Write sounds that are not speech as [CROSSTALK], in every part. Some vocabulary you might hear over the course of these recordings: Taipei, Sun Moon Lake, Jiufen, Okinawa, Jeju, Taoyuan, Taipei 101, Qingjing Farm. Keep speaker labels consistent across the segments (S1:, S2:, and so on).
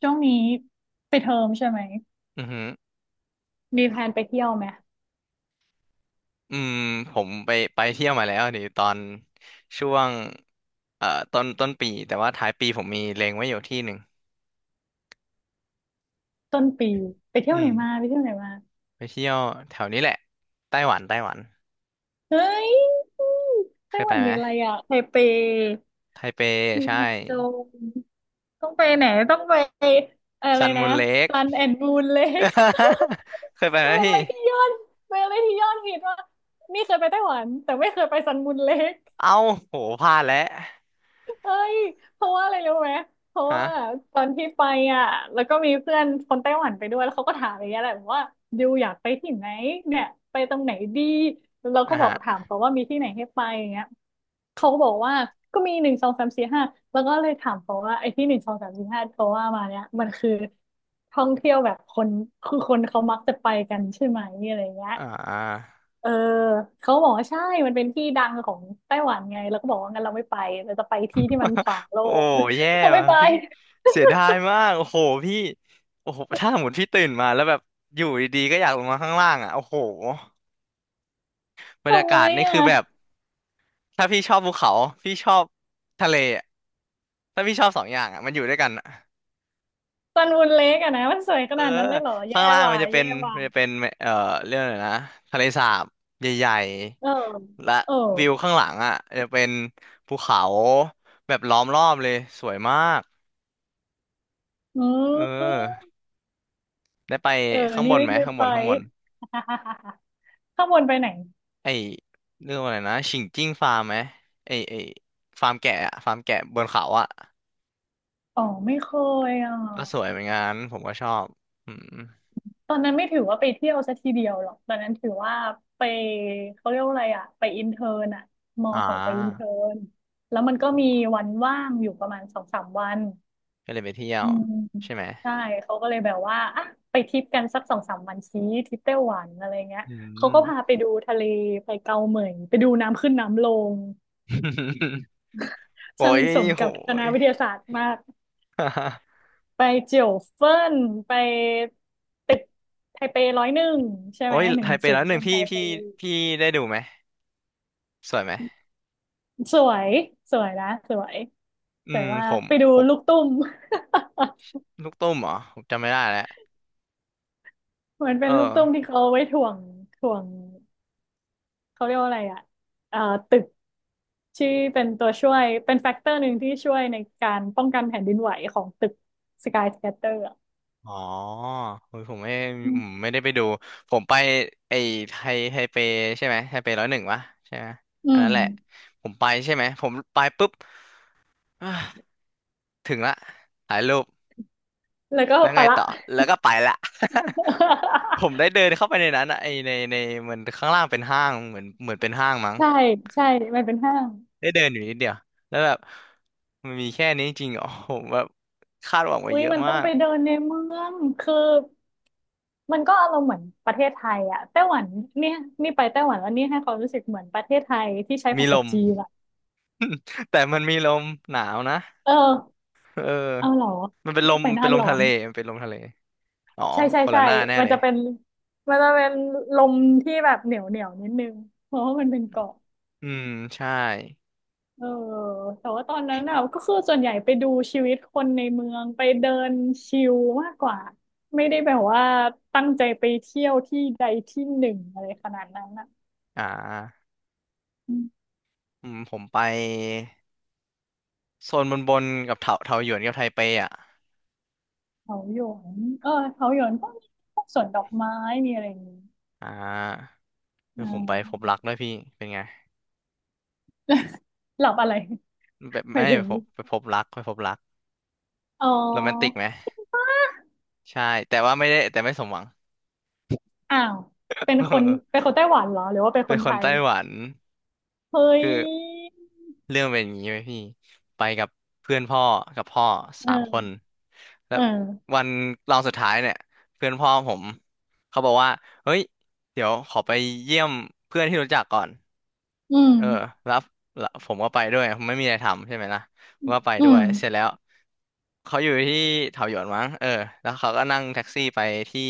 S1: ช่วงนี้ไปดเทอมใช่ไหม
S2: อือหือ
S1: มีแพลนไปเที่ยวไหม
S2: อืมผมไปเที่ยวมาแล้วดีตอนช่วงต้นปีแต่ว่าท้ายปีผมมีเล็งไว้อยู่ที่หนึ่ง
S1: ต้นปีไปเที่ยว
S2: อื
S1: ไหน
S2: ม
S1: มาไปเที่ยวไหนมา
S2: ไปเที่ยวแถวนี้แหละไต้หวันไต้หวัน
S1: เฮ้ย
S2: เค
S1: ไต้
S2: ย
S1: ห
S2: ไป
S1: วัน
S2: ไหม
S1: มีอะไรอ่ะไทเป
S2: ไทเป
S1: มี
S2: ใช่
S1: แมวโจรต้องไปไหนต้องไปอะไร
S2: ซัน
S1: นะ
S2: มูนเลค
S1: ซันแอนด์มูนเลค
S2: [LAUGHS] เคยไป
S1: [LAUGHS]
S2: ไหม
S1: เป็นอะ
S2: พี่
S1: ไรที่ยอดเป็นอะไรที่ยอดฮิตว่ากนี่เคยไปไต้หวันแต่ไม่เคยไปซันมูนเลค
S2: เอ้าโหพลาดแล้ว
S1: เฮ้ยเพราะว่าอะไรรู้ไหมเพราะ
S2: ฮะ
S1: ว่าตอนที่ไปอ่ะแล้วก็มีเพื่อนคนไต้หวันไปด้วยแล้วเขาก็ถามอย่างเงี้ยแหละบอกว่าดิวอยากไปที่ไหนเนี่ยไปตรงไหนดีแล้วเรา
S2: อ่า
S1: ก็บอ
S2: ฮะ
S1: กถามเขาว่ามีที่ไหนให้ไปอย่างเงี้ยเขาก็บอกว่าก็มีหนึ่งสองสามสี่ห้าแล้วก็เลยถามเขาว่าไอ้ที่หนึ่งสองสามสี่ห้าเขาว่ามาเนี่ยมันคือท่องเที่ยวแบบคนคือคนเขามักจะไปกันใช่ไหมอะไรเงี้ย
S2: อ่า
S1: เออเขาบอกว่าใช่มันเป็นที่ดังของไต้หวันไงแล้วก็บอกว่างั้นเราไม่ไปเราจะไปที่ที่มันขวางโล
S2: โอ้
S1: ก
S2: แย่
S1: [LAUGHS] เขาไม่
S2: ว่ะ
S1: ไป
S2: พี่เสียดายมากโอ้โหพี่โอ้โหถ้าสมมติพี่ตื่นมาแล้วแบบอยู่ดีๆก็อยากลงมาข้างล่างอ่ะโอ้โหบรรยา
S1: ทำ
S2: กา
S1: ไม
S2: ศนี่
S1: อ่ะ
S2: คือแบบถ้าพี่ชอบภูเขาพี่ชอบทะเลอะถ้าพี่ชอบสองอย่างอ่ะมันอยู่ด้วยกันอะ
S1: ซันวูนเล็กอะนะมันสวยข
S2: เออ
S1: นาดนั้นเลยเหรอแย่
S2: ข้างล่าง
S1: ว่ะ
S2: มันจะเป็
S1: แย่
S2: น
S1: ว่ะ
S2: มันจะเป็นเอ่อเรื่องอะไรนะทะเลสาบใหญ่
S1: เออ
S2: ๆและ
S1: เออ
S2: วิวข้างหลังอ่ะจะเป็นภูเขาแบบล้อมรอบเลยสวยมาก
S1: อื
S2: เอ
S1: ม
S2: อได้ไป
S1: เออ
S2: ข้างบ
S1: นี่
S2: น
S1: ไม่
S2: ไหม
S1: ได้
S2: ข้างบ
S1: ไป
S2: นข้างบน
S1: [LAUGHS] ข้างบนไปไหน
S2: ไอเรื่องอะไรนะฉิงจิ้งฟาร์มไหมไอฟาร์มแกะอะฟาร์มแกะบนเขาอะ
S1: อ๋อไม่เคยอ่ะ
S2: ก็สวยเหมือนกันผมก็ชอบอืม
S1: ตอนนั้นไม่ถือว่าไปเที่ยวซะทีเดียวหรอกตอนนั้นถือว่าไปเขาเรียกว่าอะไรอะไปอินเทิร์นอะมอ
S2: อ่
S1: ส่งไปอิน
S2: า
S1: เทิร์นแล้วมันก็มี
S2: โห
S1: วันว่างอยู่ประมาณสองสามวัน
S2: ก็เลยไปเที่ยว
S1: อืม
S2: ใช่ไหม
S1: ใช่เขาก็เลยแบบว่าอ่ะไปทริปกันสักสองสามวันซีทริปไต้หวันอะไรเงี้ย
S2: อื
S1: เขา
S2: ม
S1: ก็พาไปดูทะเลไปเกาเหมยไปดูน้ำขึ้นน้ำลง
S2: [LAUGHS] โอ้
S1: ช่าง
S2: ย
S1: สม
S2: โห
S1: กับคณะ
S2: ย
S1: วิทยาศาสตร์มาก
S2: [LAUGHS]
S1: ไปเจียวเฟิ่นไปตึกไทเป101ใช่
S2: โอ้
S1: ไหม
S2: ย
S1: หนึ่
S2: ไท
S1: ง
S2: เป
S1: ศู
S2: แล้
S1: น
S2: ว
S1: ย์
S2: หนึ่
S1: เป็
S2: ง
S1: น
S2: พี่
S1: ไทเป
S2: พี่พี่ได้ดูไหมสวยไหม
S1: สวย สวยนะ สวย
S2: อื
S1: สวย
S2: ม
S1: มา
S2: ผ
S1: ก
S2: ม
S1: ไปดู
S2: ผม
S1: ลูกตุ้ม
S2: ลูกตุ้มเหรอผมจำไม่ได้แล้ว
S1: [LAUGHS] เหมือนเป็
S2: เอ
S1: น
S2: อ
S1: ลูกตุ้มที่เขาเอาไว้ถ่วงถ่วง เขาเรียกว่าอะไรอ่ะเอ่อตึก ที่เป็นตัวช่วย เป็นแฟกเตอร์หนึ่งที่ช่วยในการป้องกันแผ่นดินไหวของตึกสกายสแคตเตอร์อ่ะ
S2: อ๋อเฮ้ยผมไม่
S1: อืม
S2: ไม่ได้ไปดู ผมไปไอ้ไทเปใช่ไหมไทเป101วะใช่ไหม
S1: อื
S2: อัน
S1: ม
S2: นั้นแหละผมไปใช่ไหมผมไปปุ๊บอ่ะถึงละถ่ายรูป
S1: แล้วก็
S2: แล้วไง
S1: ปะละ
S2: ต่อแล้วก็ไปละ [LAUGHS] ผม
S1: [LAUGHS]
S2: ได้เดินเข้าไปในนั้นอะไอในมันข้างล่างเป็นห้างเหมือนเป็นห้างมั้ง
S1: ใช่ ใช่ มันเป็นห้าง
S2: ได้เดินอยู่นิดเดียวแล้วแบบมันมีแค่นี้จริงๆอ๋อผมแบบคาดหวังไว้
S1: อุ้ย
S2: เยอะ
S1: มัน
S2: มา
S1: ต้อง
S2: ก
S1: ไปเดินในเมืองคือ มันก็อารมณ์เหมือนประเทศไทยอะไต้หวันเนี่ยนี่ไปไต้หวันแล้วนี่ให้ความรู้สึกเหมือนประเทศไทยที่ใช้
S2: มี
S1: ภา
S2: ล
S1: ษา
S2: ม
S1: จีนอะ
S2: [LAUGHS] แต่มันมีลมหนาวนะ
S1: เออ
S2: เออ
S1: เอาเหรอ
S2: มันเป็นล
S1: นี่
S2: ม
S1: ไปหน้า
S2: เป็นลม
S1: ร้อ
S2: ทะ
S1: น
S2: เลมันเป็นลมทะเลอ๋อ
S1: ใช่ใช่
S2: คนละ
S1: ใช่
S2: หน้าแน่
S1: มัน
S2: เลย
S1: จะเป็นมันจะเป็นลมที่แบบเหนียวเหนียวนิดนึงเพราะว่ามันเป็นเกาะ
S2: อืมใช่
S1: เออแต่ว่าตอนนั้นอะก็คือส่วนใหญ่ไปดูชีวิตคนในเมืองไปเดินชิลมากกว่าไม่ได้แบบว่าตั้งใจไปเที่ยวที่ใดที่หนึ่งอะไรขนาดนั้นอะ
S2: อ่าผมไปโซนบนกับเถาหยวนกับไทเปอ่ะ
S1: เขาหยวนเออเขาหยวนก็มีพวกสวนดอกไม้ มีอะไรอย่างนี้
S2: อ่าคือ
S1: อ่า
S2: ผมไปพบรักด้วยพี่เป็นไง
S1: หลับอะไร
S2: แบบ
S1: [LAUGHS] ไป
S2: ไม่
S1: ถึ
S2: ไป
S1: ง
S2: พบไปพบรัก
S1: อ๋อ
S2: โรแมนติกไหมใช่แต่ว่าไม่ได้แต่ไม่สมหวัง
S1: อ้าว เป็นคนเป็นค
S2: [LAUGHS]
S1: นไต้หวันเหรอ หรือว่าเป็นค
S2: เป็น
S1: น
S2: ค
S1: ไท
S2: น
S1: ย
S2: ไต้หวัน
S1: เฮ้
S2: คื
S1: ย
S2: อ เรื่องเป็นอย่างนี้ไหมพี่ไปกับเพื่อนพ่อกับพ่อ
S1: เอ
S2: สามคน
S1: อ
S2: แล้ว
S1: เออ
S2: วันรองสุดท้ายเนี่ยเพื่อนพ่อผมเขาบอกว่าเฮ้ยเดี๋ยวขอไปเยี่ยมเพื่อนที่รู้จักก่อน
S1: อืม
S2: เออแล้วแล้วผมก็ไปด้วยผมไม่มีอะไรทำใช่ไหมล่ะผมก็ไป
S1: อื
S2: ด้ว
S1: ม
S2: ยเสร็จแล้วเขาอยู่ที่เถาหยวนมั้งเออแล้วเขาก็นั่งแท็กซี่ไปที่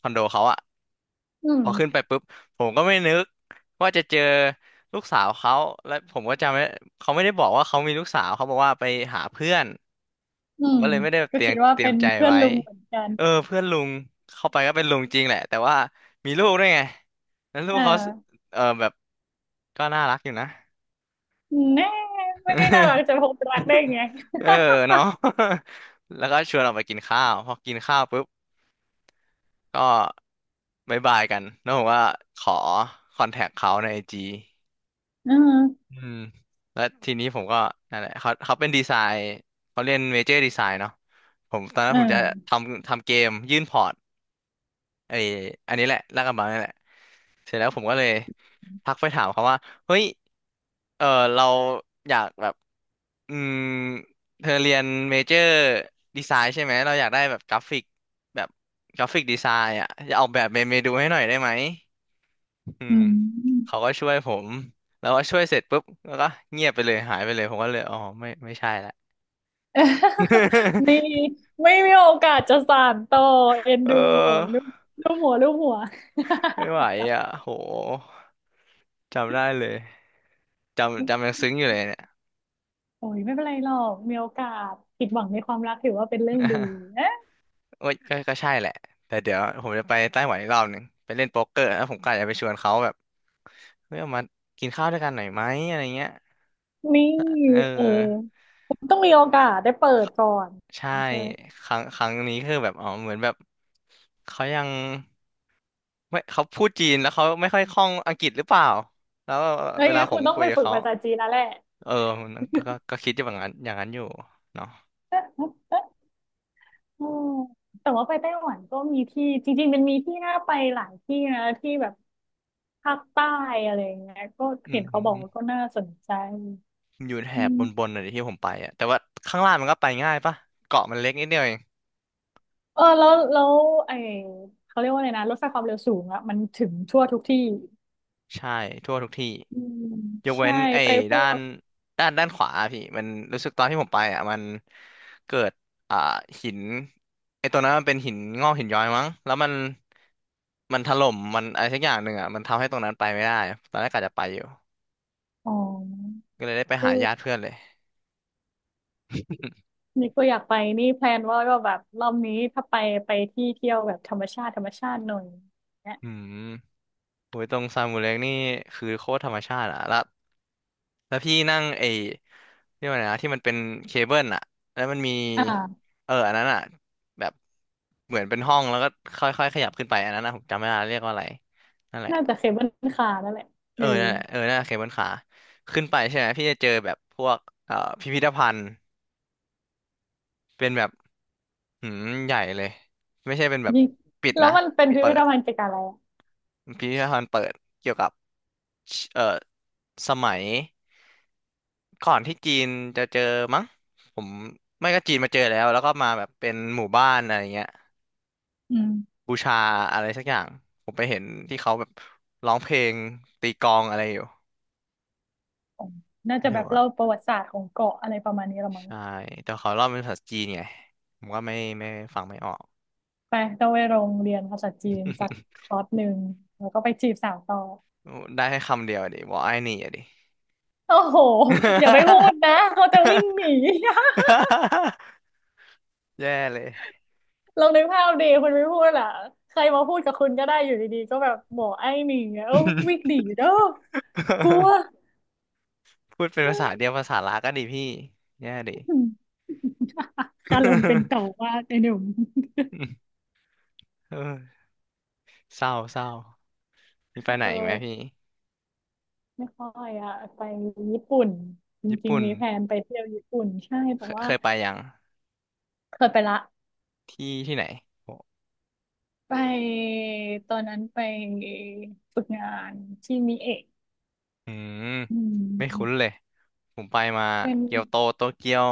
S2: คอนโดเขาอะ
S1: อื
S2: พ
S1: ม
S2: อขึ้นไปปุ๊บผมก็ไม่นึกว่าจะเจอลูกสาวเขาและผมก็จำไม่เขาไม่ได้บอกว่าเขามีลูกสาวเขาบอกว่าไปหาเพื่อน
S1: อื
S2: ผม
S1: ม
S2: ก็เลยไม่ได้
S1: ก็
S2: เตรีย
S1: คิ
S2: ม
S1: ดว่า
S2: เตรีย
S1: เป็
S2: ม
S1: น
S2: ใจ
S1: เพื่อน
S2: ไว้
S1: ลุงเหมือนกัน
S2: เออเพื่อนลุงเข้าไปก็เป็นลุงจริงแหละแต่ว่ามีลูกด้วยไงแล้วลู
S1: เ
S2: กเขา
S1: ออ
S2: เออแบบก็น่ารักอยู่นะ
S1: แน่ไม่ได้น่ารักจะพบรักได้
S2: [LAUGHS]
S1: ไง
S2: เออเนาะ [LAUGHS] แล้วก็ชวนออกไปกินข้าวพอกินข้าวปุ๊บก็บายบายกันแล้วผมว่าขอคอนแทคเขาในIG
S1: เออ
S2: อืมแล้วทีนี้ผมก็นั่นแหละเขาเป็นดีไซน์เขาเรียนเมเจอร์ดีไซน์เนาะผมตอนนั้
S1: เอ
S2: นผมจะท
S1: อ
S2: ำทำเกมยื่นพอร์ตไออันนี้แหละลากกระบังนี่แหละเสร็จแล้วผมก็เลยทักไปถามเขาว่าเฮ้ยเออเราอยากแบบอืมเธอเรียนเมเจอร์ดีไซน์ใช่ไหมเราอยากได้แบบกราฟิกแบบกราฟิกดีไซน์อ่ะจะออกแบบเมนูให้หน่อยได้ไหม อื
S1: อื
S2: มเขา
S1: ม
S2: ก็ช่วยผมแล้วก็ช่วยเสร็จปุ๊บแล้วก็เงียบไปเลยหายไปเลยผมก็เลยอ๋อไม่ไม่ใช่ละ
S1: [LAUGHS] มี
S2: [LAUGHS]
S1: ไม่มีโอกาสจะสานต่อเอ็น
S2: เอ
S1: ดูโอ้ลู
S2: อ
S1: กลูกหัวลูกหัว
S2: ไม่ไหวอ่ะโหจำได้เลยจำยังซึ้งอยู่เลยเนี่ย
S1: [LAUGHS] โอ้ยไม่เป็นไรหรอกมีโอกาสผิดหวังในความรักถือว่าเป็นเรื่องดี
S2: [LAUGHS]
S1: [LAUGHS] นะ
S2: โอ้ยก็ใช่แหละแต่เดี๋ยวผมจะไปไต้หวันอีกรอบหนึ่งไปเล่นโป๊กเกอร์แล้วผมก็อาจจะไปชวนเขาแบบเฮ้ยเอามากินข้าวด้วยกันหน่อยไหมอะไรเงี้ย
S1: นี่
S2: เ
S1: เออ
S2: ออ
S1: คุณต้องมีโอกาสได้เปิดก่อน
S2: ใช่
S1: ใช่ไหม
S2: ครั้งนี้คือแบบอ๋อเหมือนแบบเขายัง ไม่เขาพูดจีนแล้วเขาไม่ค่อยคล่องอังกฤษหรือเปล่าแล้ว
S1: แล้ว
S2: เว
S1: ยัง
S2: ลา
S1: ไง
S2: ผ
S1: คุ
S2: ม
S1: ณต้อง
S2: คุย
S1: ไป
S2: กับ
S1: ฝึก
S2: เขา
S1: ภาษาจีนแล้วแหละ
S2: เออมันก็คิดอย่างนั้นอย่างนั้นอยู่เนาะ
S1: [LAUGHS] อืมแต่ว่าไปไต้หวันก็มีที่จริงๆมันมีที่น่าไปหลายที่นะที่แบบภาคใต้อะไรอย่างเงี้ยก็
S2: อื
S1: เห็นเขาบอกว่า
S2: ม
S1: ก็น่าสนใจ
S2: อยู่แถ
S1: อื
S2: บบน
S1: ม
S2: ๆน่ะดิที่ผมไปอ่ะแต่ว่าข้างล่างมันก็ไปง่ายปะเกาะมันเล็กนิดเดียวเอง
S1: เออแล้วไอเขาเรียกว่าอะไรนะรถไฟความเร็วสูงอะมันถึงทั่วทุกที่
S2: ใช่ทั่วทุกที่
S1: อืม
S2: ยก
S1: ใช่
S2: เว้นไอ้
S1: ไปพ
S2: ด้า
S1: ว
S2: น
S1: ก
S2: ด้านขวาอะพี่มันรู้สึกตอนที่ผมไปอ่ะมันเกิดอ่าหินไอ้ตัวนั้นมันเป็นหินงอกหินย้อยมั้งแล้วมันถล่มมันอะไรสักอย่างหนึ่งอ่ะมันทำให้ตรงนั้นไปไม่ได้ตอนแรกกะจะไปอยู่
S1: อ๋อ
S2: ก็เลยได้ไป
S1: เอ
S2: หา
S1: อ
S2: ญาติเพื่อนเลย
S1: นี่ก็อยากไปนี่แพลนว่าก็แบบรอบนี้ถ้าไปไปที่เที่ยวแบบธรรมชาติธรรมชาติหน่อยเนี่ย
S2: อืมโอ้ยตรงซามูเล็กนี่คือโคตรธรรมชาติอ่ะแล้ว แล้วพี่นั่งไอ้เรียกว่าไงนะที่มันเป็นเคเบิลอะแล้วมันมี
S1: อ่า
S2: เอออันนั้นอะแบบเหมือนเป็นห้องแล้วก็ค่อยๆขยับขึ้นไปอันนั้นนะผมจำไม่ได้เรียกว่าอะไรนั่นแหละ
S1: น่าจะเคเบิลคาร์นั่นแหละ
S2: เอ
S1: เออ
S2: อนั่นแหละเออนั่นแหละเคเบิลคาร์ขึ้นไปใช่ไหมพี่จะเจอแบบพวกพิพิธภัณฑ์เป็นแบบหืมใหญ่เลยไม่ใช่เป็นแบบ
S1: ยิ่ง
S2: ปิด
S1: แล้
S2: นะ
S1: วมันเป็นพิ
S2: เปิ
S1: พิธ
S2: ด
S1: ภัณฑ์เกี่ยวกับอะไรอะ
S2: พิพิธภัณฑ์เปิดเกี่ยวกับเอ่อสมัย ก่อนที่จีนจะเจอมั้งผมไม่ก็จีนมาเจอแล้วแล้วก็มาแบบเป็นหมู่บ้านอะไรเงี้ย
S1: อืม
S2: บูชาอะไรสักอย่างผมไปเห็นที่เขาแบบร้องเพลงตีกลองอะไรอยู่
S1: อ๋อน่า
S2: ไม่
S1: จะ
S2: ถื
S1: แบ
S2: อ
S1: บ
S2: ว่า
S1: เล่าประวัติศาสตร์ของเกาะอะไรประมาณนี้ละมั้ง
S2: ใช่แต่เขาเล่าเป็นภาษาจีนไงผมก็ไม่ฟังไม่ออก [LAUGHS]
S1: ไปต้องไปโรงเรียนภาษาจีนสักคอร์สหนึ่งแล้วก็ไปจีบสาวต่อ
S2: ได้แค่คำเดียวอะดิวอกไอ้นี่อะดิ [LAUGHS]
S1: โอ้โหอย่าไปพูดนะเขาจะวิ่งหนี [LAUGHS]
S2: แย่เลย
S1: ลองนึกภาพดีคุณไม่พูดล่ะใครมาพูดกับคุณก็ได้อยู่ดีๆก็แบบหมอไอ้หนไงเอ้าวิ่งหนีเด้อกลัว
S2: [LAUGHS] พูดเป็นภาษา
S1: อ
S2: เดียวภาษาลาก็ดีพี่แย่ดิ
S1: ืมคารมเป็นต่อว่าไอ้หนุ่ม
S2: [LAUGHS] เออ เศร้าเศร้ามีไปไหน
S1: เอ
S2: อีกไหมพี่
S1: อไม่ค่อยอะไปญี่ปุ่นจ
S2: ญี่
S1: ริง
S2: ปุ่น
S1: ๆมีแผนไปเที่ยวญี่ปุ่นใช่
S2: เค
S1: แต่
S2: ย
S1: ว่า
S2: เคยไปยัง
S1: เคยไปละ
S2: ที่ที่ไหนโอ้
S1: ไปตอนนั้นไปฝึกงานที่มิเอะ
S2: อืม
S1: อื
S2: ไม่คุ้นเล
S1: ม
S2: ยผมไปมา
S1: เป็น
S2: เกียวโตโตเกียว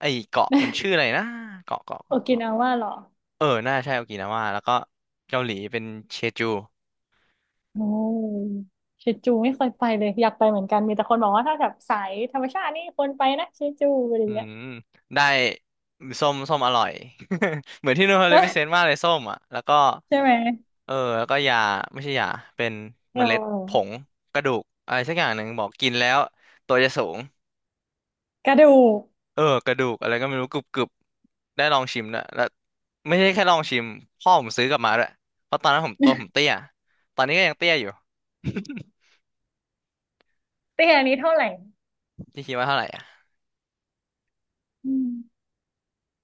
S2: ไอเกาะมันชื่ออะ
S1: [LAUGHS]
S2: ไรนะเกาะเกาะ
S1: โอ
S2: เกาะ
S1: กิ
S2: เกาะ
S1: นาว่าเหรอ
S2: เออน่าใช่โอกินาวาแล้วก็เกาหลีเป็นเชจู
S1: โอ้เชจูไม่เคยไปเลยอยากไปเหมือนกันมีแต่คนบอกว่าถ้าแบบสายธรรมชาตินี่ควรไปนะเชจูอะไรอ
S2: อื
S1: ย่างเงี้ย
S2: มได้ส้มส้มอร่อย [LAUGHS] เหมือนที่นูนเขาเลยพิเซนต์มากเล
S1: [LAUGHS]
S2: ยส้มอ่ะแล้วก็
S1: ใช่ไหม
S2: เออแล้วก็ยาไม่ใช่ยาเป็น
S1: เอ
S2: เมล็ดผง
S1: อ
S2: กระดูกอะไรสักอย่างหนึ่งบอกกินแล้วตัวจะสูง
S1: กระดูก
S2: เออกระดูกอะไรก็ไม่รู้กรุบกรุบได้ลองชิมด้วแล้วไม่ใช่แค่ลองชิมพ่อผมซื้อกลับมาด้วยเพราะตอนนั้นผมตัวผมเตี้ยตอนนี้ก็ยังเตี้ยอยู่
S1: เตี้ยนี้เท่าไหร่
S2: [LAUGHS] พี่คิดว่าเท่าไหร่อ่ะ
S1: อืม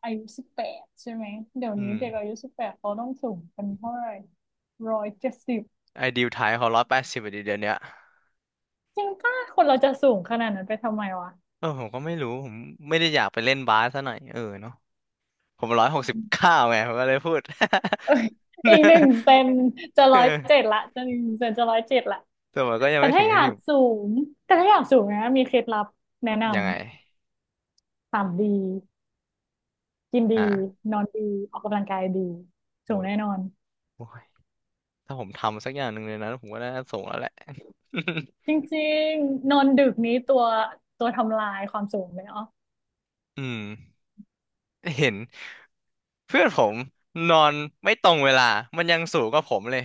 S1: อายุสิบแปดใช่ไหมเดี๋ยว
S2: อื
S1: นี้
S2: ม
S1: เด็กอายุสิบแปดเขาต้องสูงกันเท่าไหร่170
S2: ไอดิวไทยเขา180ดีเดี๋ยวเนี้ย
S1: จริงป่ะคนเราจะสูงขนาดนั้นไปทำไมวะ
S2: เออผมก็ไม่รู้ผมไม่ได้อยากไปเล่นบาสซะหน่อยเออเนาะผม169ไงผมก็เลยพูด
S1: เอ้ย [LAUGHS] อีกหนึ่งเซนจะ
S2: [LAUGHS] เอ
S1: ร้
S2: อ
S1: อยเจ็ดละจะหนึ่งเซนจะร้อยเจ็ดละ
S2: แต่มันก็ยัง
S1: แต่
S2: ไม่ถึ
S1: ถ้า
S2: ง
S1: อ
S2: ขั้น
S1: ยาก
S2: ที่
S1: สูงแต่ถ้าอยากสูงนะมีเคล็ดลับแนะน
S2: ยังไง
S1: ำ ต่ำดีกินดี
S2: ฮะ
S1: นอนดีออกกำลังกายดี
S2: โอ้
S1: สูง
S2: ย
S1: แน่นอน
S2: โอ้ยถ้าผมทำสักอย่างหนึ่งเลยนะผมก็น่าจะส่งแล้วแหละ [LAUGHS]
S1: จริงๆนอนดึกนี้ตัวทำลายความสูงเลยเนาะ
S2: อืมเห็น เพื่อนผมนอนไม่ตรงเวลา มันยังสูงกว่าผมเลย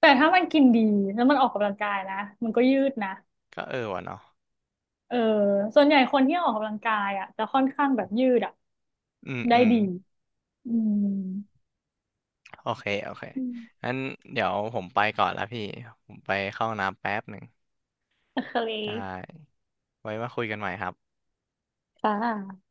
S1: แต่ถ้ามันกินดีแล้วมันออกกำลังกายนะมันก็ยืดนะ
S2: ก็เออวะเนาะ
S1: เออส่วนใหญ่คนที่ออกกำลังกายอ่ะจะค่อนข้างแบบยืดอ่ะ
S2: อืม
S1: ได้
S2: อืม
S1: ดีอืม
S2: โอเค โอเค
S1: อืม
S2: งั้นเดี๋ยวผมไปก่อนละพี่ ผมไปเข้าห้องน้ำแป๊บหนึ่ง
S1: โอเ
S2: ได
S1: ค
S2: ้ ไว้มาคุยกันใหม่ครับ
S1: ค่ะ